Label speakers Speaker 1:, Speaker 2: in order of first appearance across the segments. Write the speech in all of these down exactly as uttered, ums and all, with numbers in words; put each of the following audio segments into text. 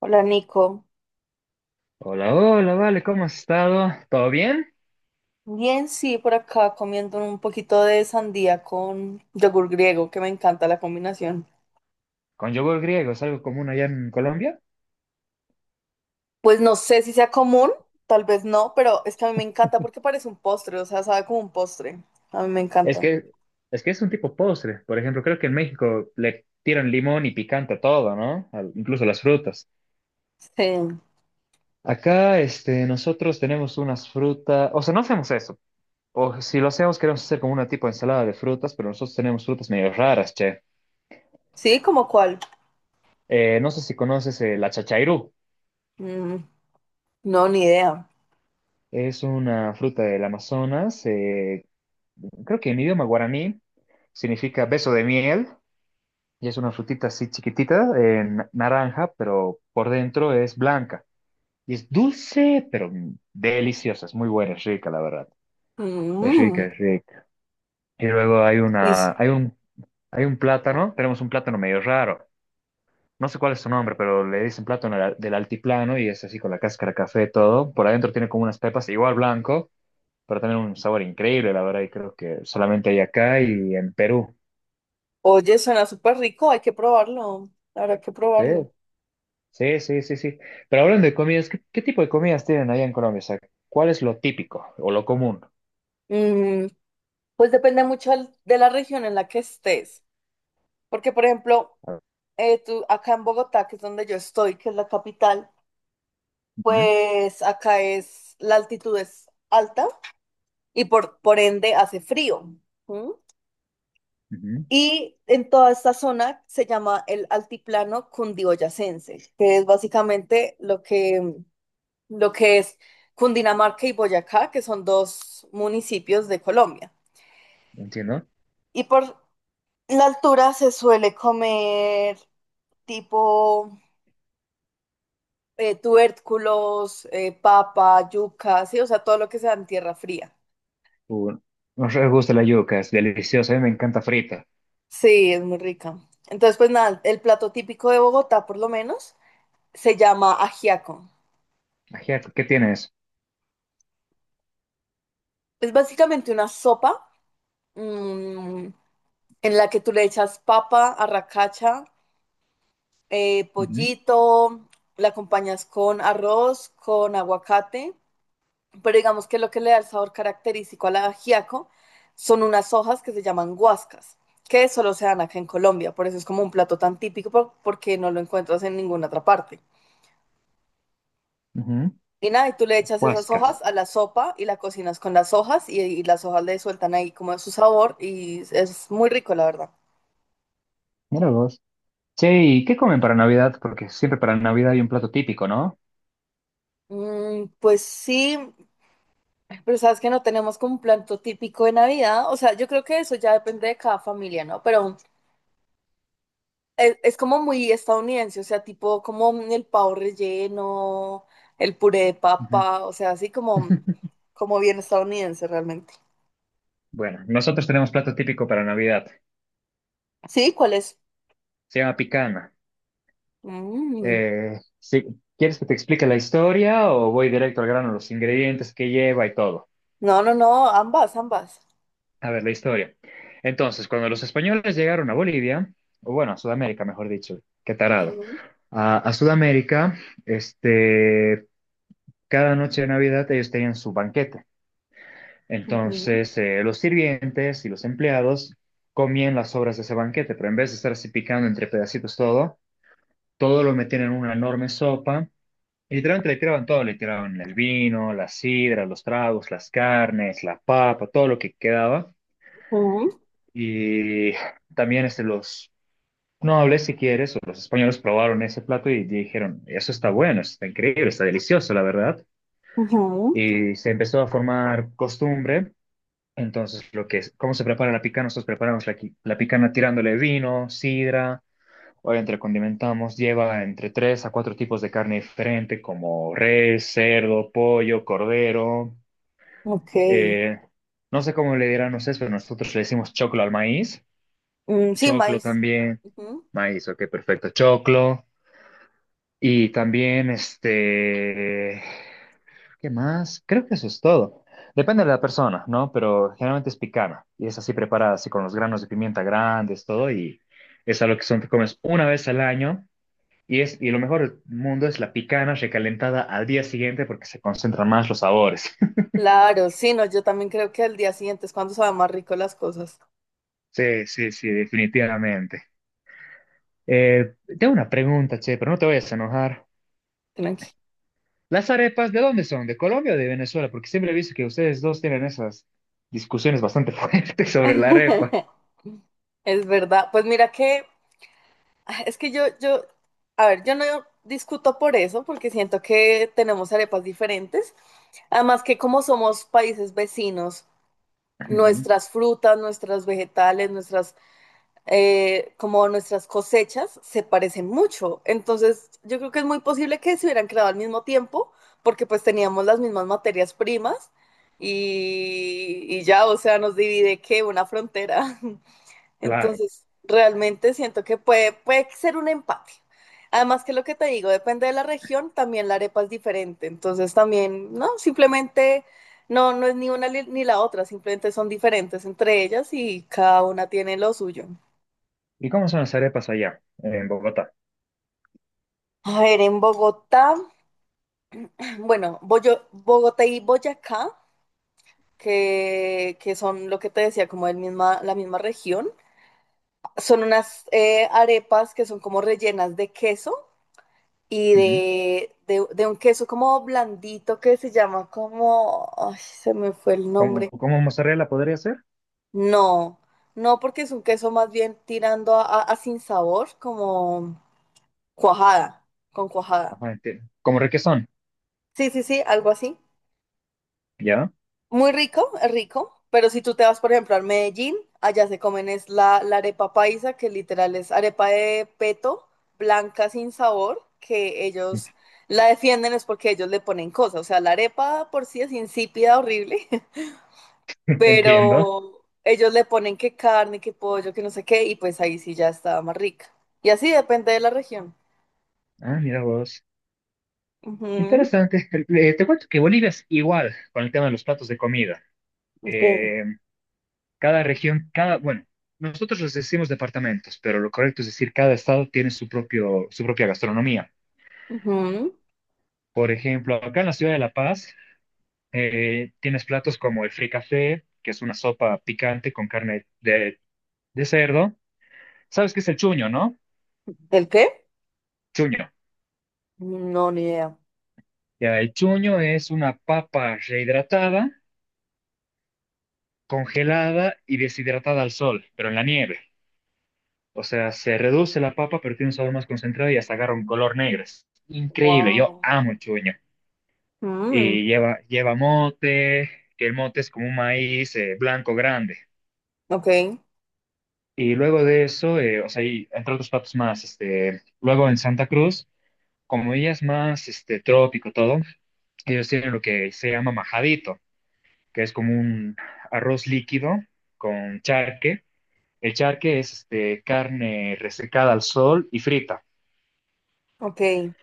Speaker 1: Hola Nico.
Speaker 2: Hola, hola, vale, ¿cómo has estado? ¿Todo bien?
Speaker 1: Bien, sí, por acá comiendo un poquito de sandía con yogur griego, que me encanta la combinación.
Speaker 2: Con yogur griego, ¿es algo común allá en Colombia?
Speaker 1: Pues no sé si sea común, tal vez no, pero es que a mí me encanta porque parece un postre, o sea, sabe como un postre. A mí me
Speaker 2: Es
Speaker 1: encanta.
Speaker 2: que, es que es un tipo postre. Por ejemplo, creo que en México le tiran limón y picante a todo, ¿no? Al- incluso las frutas.
Speaker 1: Sí,
Speaker 2: Acá, este, nosotros tenemos unas frutas, o sea, no hacemos eso. O si lo hacemos, queremos hacer como una tipo de ensalada de frutas, pero nosotros tenemos frutas medio raras, che.
Speaker 1: sí, ¿como cuál?
Speaker 2: Eh, no sé si conoces eh, la chachairú.
Speaker 1: Mm, no, ni idea.
Speaker 2: Es una fruta del Amazonas, eh, creo que en idioma guaraní significa beso de miel. Y es una frutita así chiquitita, eh, na- naranja, pero por dentro es blanca. Y es dulce, pero mm, deliciosa. Es muy buena, es rica, la verdad. Es
Speaker 1: Mm,
Speaker 2: rica, es rica. Y luego hay
Speaker 1: y s-
Speaker 2: una, hay un, hay un plátano. Tenemos un plátano medio raro. No sé cuál es su nombre, pero le dicen plátano del del altiplano y es así con la cáscara café todo. Por adentro tiene como unas pepas, igual blanco, pero también un sabor increíble, la verdad. Y creo que solamente hay acá y en Perú.
Speaker 1: oye, suena súper rico, hay que probarlo, habrá que
Speaker 2: ¿Sí?
Speaker 1: probarlo.
Speaker 2: Sí, sí, sí, sí. Pero hablando de comidas, ¿qué, qué tipo de comidas tienen allá en Colombia? O sea, ¿cuál es lo típico o lo común?
Speaker 1: Mm, pues depende mucho del- de la región en la que estés, porque por ejemplo...
Speaker 2: A ver.
Speaker 1: eh, tú, acá en Bogotá, que es donde yo estoy, que es la capital,
Speaker 2: Ujú.
Speaker 1: pues acá es la altitud es alta y por, por ende hace frío. ¿M?
Speaker 2: Ujú.
Speaker 1: Y en toda esta zona se llama el altiplano cundiboyacense, que es básicamente lo que, lo que es Cundinamarca y Boyacá, que son dos municipios de Colombia.
Speaker 2: Entiendo.
Speaker 1: Y por la altura se suele comer tipo eh, tubérculos, eh, papa, yuca, sí, o sea, todo lo que sea en tierra fría.
Speaker 2: Uh, Nos re gusta la yuca, es deliciosa, a mí me encanta frita.
Speaker 1: Sí, es muy rica. Entonces, pues nada, el plato típico de Bogotá, por lo menos, se llama ajiaco.
Speaker 2: Ajiaco, ¿qué tienes?
Speaker 1: Es básicamente una sopa mm, en la que tú le echas papa, arracacha, eh,
Speaker 2: Ujú.
Speaker 1: pollito, la acompañas con arroz, con aguacate. Pero digamos que lo que le da el sabor característico al ajiaco son unas hojas que se llaman guascas, que solo se dan acá en Colombia, por eso es como un plato tan típico por- porque no lo encuentras en ninguna otra parte.
Speaker 2: Ujú.
Speaker 1: Y nada, y tú le echas esas
Speaker 2: Huascas.
Speaker 1: hojas a la sopa y la cocinas con las hojas y, y las hojas le sueltan ahí como su sabor y es muy rico, la verdad.
Speaker 2: Mira vos. Che, ¿y qué comen para Navidad? Porque siempre para Navidad hay un plato típico, ¿no?
Speaker 1: Mm, pues sí, pero sabes que no tenemos como un plato típico de Navidad, o sea, yo creo que eso ya depende de cada familia, ¿no? Pero Es, es como muy estadounidense, o sea, tipo como el pavo relleno, el puré de
Speaker 2: Ujú.
Speaker 1: papa, o sea, así como, como bien estadounidense realmente.
Speaker 2: Bueno, nosotros tenemos plato típico para Navidad.
Speaker 1: Sí, ¿cuál es?
Speaker 2: Se llama picana.
Speaker 1: Mm.
Speaker 2: Eh, sí, ¿quieres que te explique la historia o voy directo al grano, los ingredientes que lleva y todo?
Speaker 1: No, no, no, ambas, ambas.
Speaker 2: A ver, la historia. Entonces, cuando los españoles llegaron a Bolivia, o bueno, a Sudamérica, mejor dicho, qué tarado,
Speaker 1: Ujú,
Speaker 2: a, a Sudamérica, este, cada noche de Navidad ellos tenían su banquete.
Speaker 1: ujú,
Speaker 2: Entonces, eh, los sirvientes y los empleados comían las sobras de ese banquete, pero en vez de estar así picando entre pedacitos todo, todo lo metían en una enorme sopa. Y literalmente le tiraban todo, le tiraban el vino, la sidra, los tragos, las carnes, la papa, todo lo que quedaba.
Speaker 1: ujú,
Speaker 2: Y también este, los no hablé si quieres, o los españoles probaron ese plato y dijeron, eso está bueno, está increíble, está delicioso, la verdad.
Speaker 1: ujú.
Speaker 2: Y se empezó a formar costumbre. Entonces, lo que es, ¿cómo se prepara la picana? Nosotros preparamos la, qui- la picana tirándole vino, sidra, obviamente la condimentamos, lleva entre tres a cuatro tipos de carne diferente, como res, cerdo, pollo, cordero.
Speaker 1: Ok.
Speaker 2: eh, no sé cómo le dirán ustedes, pero nosotros le decimos choclo al maíz,
Speaker 1: Mm, sí,
Speaker 2: choclo
Speaker 1: maíz.
Speaker 2: también,
Speaker 1: Ujú.
Speaker 2: maíz, ok, perfecto, choclo. Y también, este, ¿qué más? Creo que eso es todo. Depende de la persona, ¿no? Pero generalmente es picana y es así preparada, así con los granos de pimienta grandes, todo, y es algo que son, te comes una vez al año. Y, es, y lo mejor del mundo es la picana recalentada al día siguiente porque se concentran más los sabores.
Speaker 1: Claro, sí, no, yo también creo que al día siguiente es cuando saben más rico las cosas.
Speaker 2: Sí, sí, sí, definitivamente. Eh, tengo una pregunta, che, pero no te vayas a enojar.
Speaker 1: Tranqui.
Speaker 2: Las arepas, ¿de dónde son? ¿De Colombia o de Venezuela? Porque siempre he visto que ustedes dos tienen esas discusiones bastante fuertes sobre la arepa.
Speaker 1: Es verdad. Pues mira que ah, es que yo, yo, a ver, yo no discuto por eso, porque siento que tenemos arepas diferentes. Además que como somos países vecinos,
Speaker 2: Ujú.
Speaker 1: nuestras frutas, nuestras vegetales, nuestras, eh, como nuestras cosechas se parecen mucho. Entonces, yo creo que es muy posible que se hubieran creado al mismo tiempo, porque pues teníamos las mismas materias primas y, y ya, o sea, nos divide que una frontera.
Speaker 2: Claro.
Speaker 1: Entonces, realmente siento que puede, puede ser un empate. Además que lo que te digo, depende de la región, también la arepa es diferente. Entonces también, no, simplemente no, no es ni una li- ni la otra, simplemente son diferentes entre ellas y cada una tiene lo suyo.
Speaker 2: ¿Y cómo son las arepas allá, en Bogotá?
Speaker 1: A ver, en Bogotá, bueno, Boyo- Bogotá y Boyacá, que, que son lo que te decía, como el misma, la misma región, son unas eh, arepas que son como rellenas de queso y
Speaker 2: Ujú.
Speaker 1: de, de, de un queso como blandito que se llama como, ay, se me fue el
Speaker 2: ¿Cómo,
Speaker 1: nombre.
Speaker 2: cómo mozzarella podría ser?
Speaker 1: No, no porque es un queso más bien tirando a, a- a sin sabor, como cuajada, con cuajada.
Speaker 2: Ajá, entiendo. Como requesón,
Speaker 1: Sí, sí, sí, algo así.
Speaker 2: ¿ya?
Speaker 1: Muy rico, es rico, pero si tú te vas, por ejemplo, a Medellín, allá se comen es la, la arepa paisa, que literal es arepa de peto, blanca sin sabor, que ellos la defienden es porque ellos le ponen cosas, o sea, la arepa por sí es insípida, horrible,
Speaker 2: Entiendo.
Speaker 1: pero ellos le ponen que carne, que pollo, que no sé qué, y pues ahí sí ya está más rica. Y así depende de la región.
Speaker 2: Ah, mira vos.
Speaker 1: Ujú.
Speaker 2: Interesante. Eh, te cuento que Bolivia es igual con el tema de los platos de comida.
Speaker 1: Ok.
Speaker 2: Eh, Cada región, cada, bueno, nosotros les decimos departamentos, pero lo correcto es decir, cada estado tiene su propio, su propia gastronomía.
Speaker 1: Ujú.
Speaker 2: Por ejemplo, acá en la ciudad de La Paz eh, tienes platos como el fricasé, que es una sopa picante con carne de, de cerdo. ¿Sabes qué es el chuño, no?
Speaker 1: ¿El qué?
Speaker 2: Chuño.
Speaker 1: No, ni idea.
Speaker 2: Ya, el chuño es una papa rehidratada, congelada y deshidratada al sol, pero en la nieve. O sea, se reduce la papa, pero tiene un sabor más concentrado y hasta agarra un color negro. Es increíble, yo
Speaker 1: Wow.
Speaker 2: amo el chuño.
Speaker 1: Mm.
Speaker 2: Y lleva, lleva mote, que el mote es como un maíz eh, blanco grande.
Speaker 1: Ok.
Speaker 2: Y luego de eso, eh, o sea, y entre otros platos más, este, luego en Santa Cruz, como ella es más, este, trópico todo, ellos tienen lo que se llama majadito, que es como un arroz líquido con charque. El charque es, este, carne resecada al sol y frita,
Speaker 1: Ok.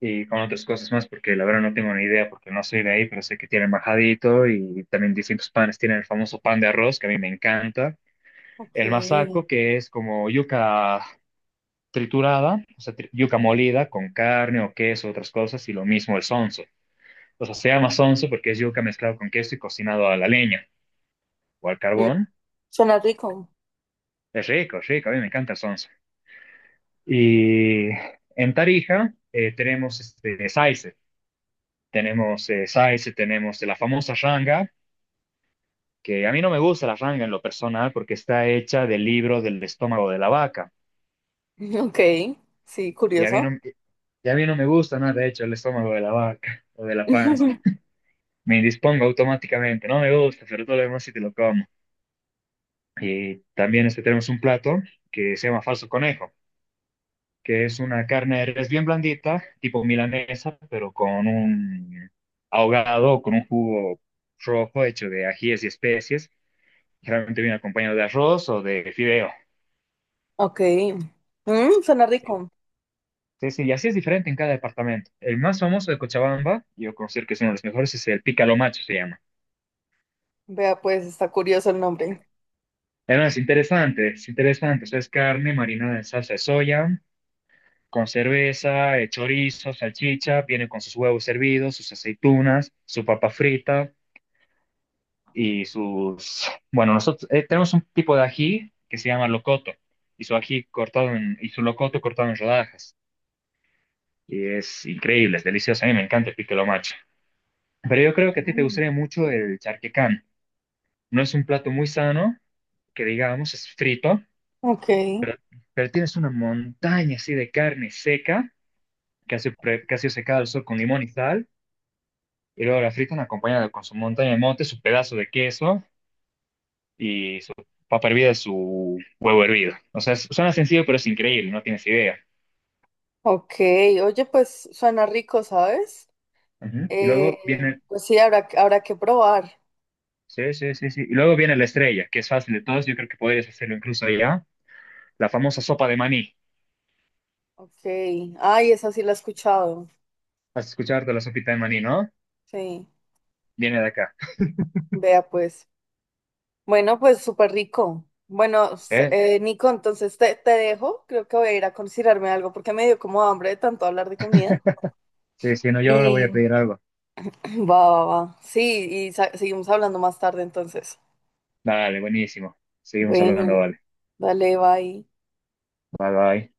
Speaker 2: y con otras cosas más, porque la verdad no tengo ni idea, porque no soy de ahí, pero sé que tienen majadito y también distintos panes. Tienen el famoso pan de arroz, que a mí me encanta.
Speaker 1: Ok.
Speaker 2: El masaco, que es como yuca triturada, o sea, tri- yuca molida con carne o queso, otras cosas, y lo mismo el sonso. O sea, se llama sonso porque es yuca mezclado con queso y cocinado a la leña o al
Speaker 1: Mm,
Speaker 2: carbón.
Speaker 1: suena rico.
Speaker 2: Es rico, es rico, a mí me encanta el sonso. Y en Tarija eh, tenemos este, saice, tenemos eh, saice, tenemos la famosa ranga, que a mí no me gusta la ranga en lo personal porque está hecha del libro del estómago de la vaca.
Speaker 1: Ok. Sí,
Speaker 2: Y a mí
Speaker 1: curioso.
Speaker 2: no, y a mí no me gusta nada hecho el estómago de la vaca o de la panza. Me indispongo automáticamente, no me gusta, pero todo lo demás sí te lo como. Y también este tenemos un plato que se llama falso conejo, que es una carne de res bien blandita, tipo milanesa, pero con un ahogado, con un jugo rojo hecho de ajíes y especies, generalmente viene acompañado de arroz o de fideo.
Speaker 1: Ok. Mm, suena rico.
Speaker 2: Sí, sí, y así es diferente en cada departamento. El más famoso de Cochabamba, yo considero que es uno de los mejores, es el pícaro macho, se llama.
Speaker 1: Vea, pues está curioso el nombre.
Speaker 2: Además, es interesante, es interesante. O sea, es carne marinada en salsa de soya, con cerveza, eh, chorizo, salchicha, viene con sus huevos servidos, sus aceitunas, su papa frita y sus... Bueno, nosotros eh, tenemos un tipo de ají que se llama locoto y su ají cortado en, y su locoto cortado en rodajas. Y es increíble, es delicioso. A mí me encanta el piquelo macho. Pero yo creo que a ti te
Speaker 1: Mm.
Speaker 2: gustaría mucho el charquecán. No es un plato muy sano, que digamos, es frito,
Speaker 1: Ok.
Speaker 2: pero, pero tienes una montaña así de carne seca, que ha sido pre- que ha sido secada al sol con limón y sal Y luego la fritan acompañada con su montaña de mote, su pedazo de queso y su papa hervida y su huevo hervido. O sea, suena sencillo, pero es increíble, no tienes idea.
Speaker 1: Ok. Oye, pues suena rico, ¿sabes? Sí.
Speaker 2: Ujú. Y
Speaker 1: Eh,
Speaker 2: luego viene,
Speaker 1: pues sí, habrá, que- habrá que probar.
Speaker 2: sí, sí, sí, sí. Y luego viene la estrella, que es fácil de todos, yo creo que podrías hacerlo incluso allá. La famosa sopa de maní.
Speaker 1: Ok. Ay, esa sí la he escuchado.
Speaker 2: Has escuchado de la sopita de maní, ¿no?
Speaker 1: Sí.
Speaker 2: Viene de acá.
Speaker 1: Vea, pues. Bueno, pues súper rico. Bueno, s-
Speaker 2: Sí,
Speaker 1: eh, Nico, entonces te, te dejo. Creo que voy a ir a considerarme algo porque me dio como hambre de tanto hablar de comida.
Speaker 2: sí, sí, no, yo ahora voy a
Speaker 1: Y
Speaker 2: pedir algo.
Speaker 1: va, va, va. Sí, y sa- seguimos hablando más tarde entonces.
Speaker 2: Dale, buenísimo. Seguimos hablando,
Speaker 1: Bueno,
Speaker 2: vale.
Speaker 1: dale, bye.
Speaker 2: Bye, bye.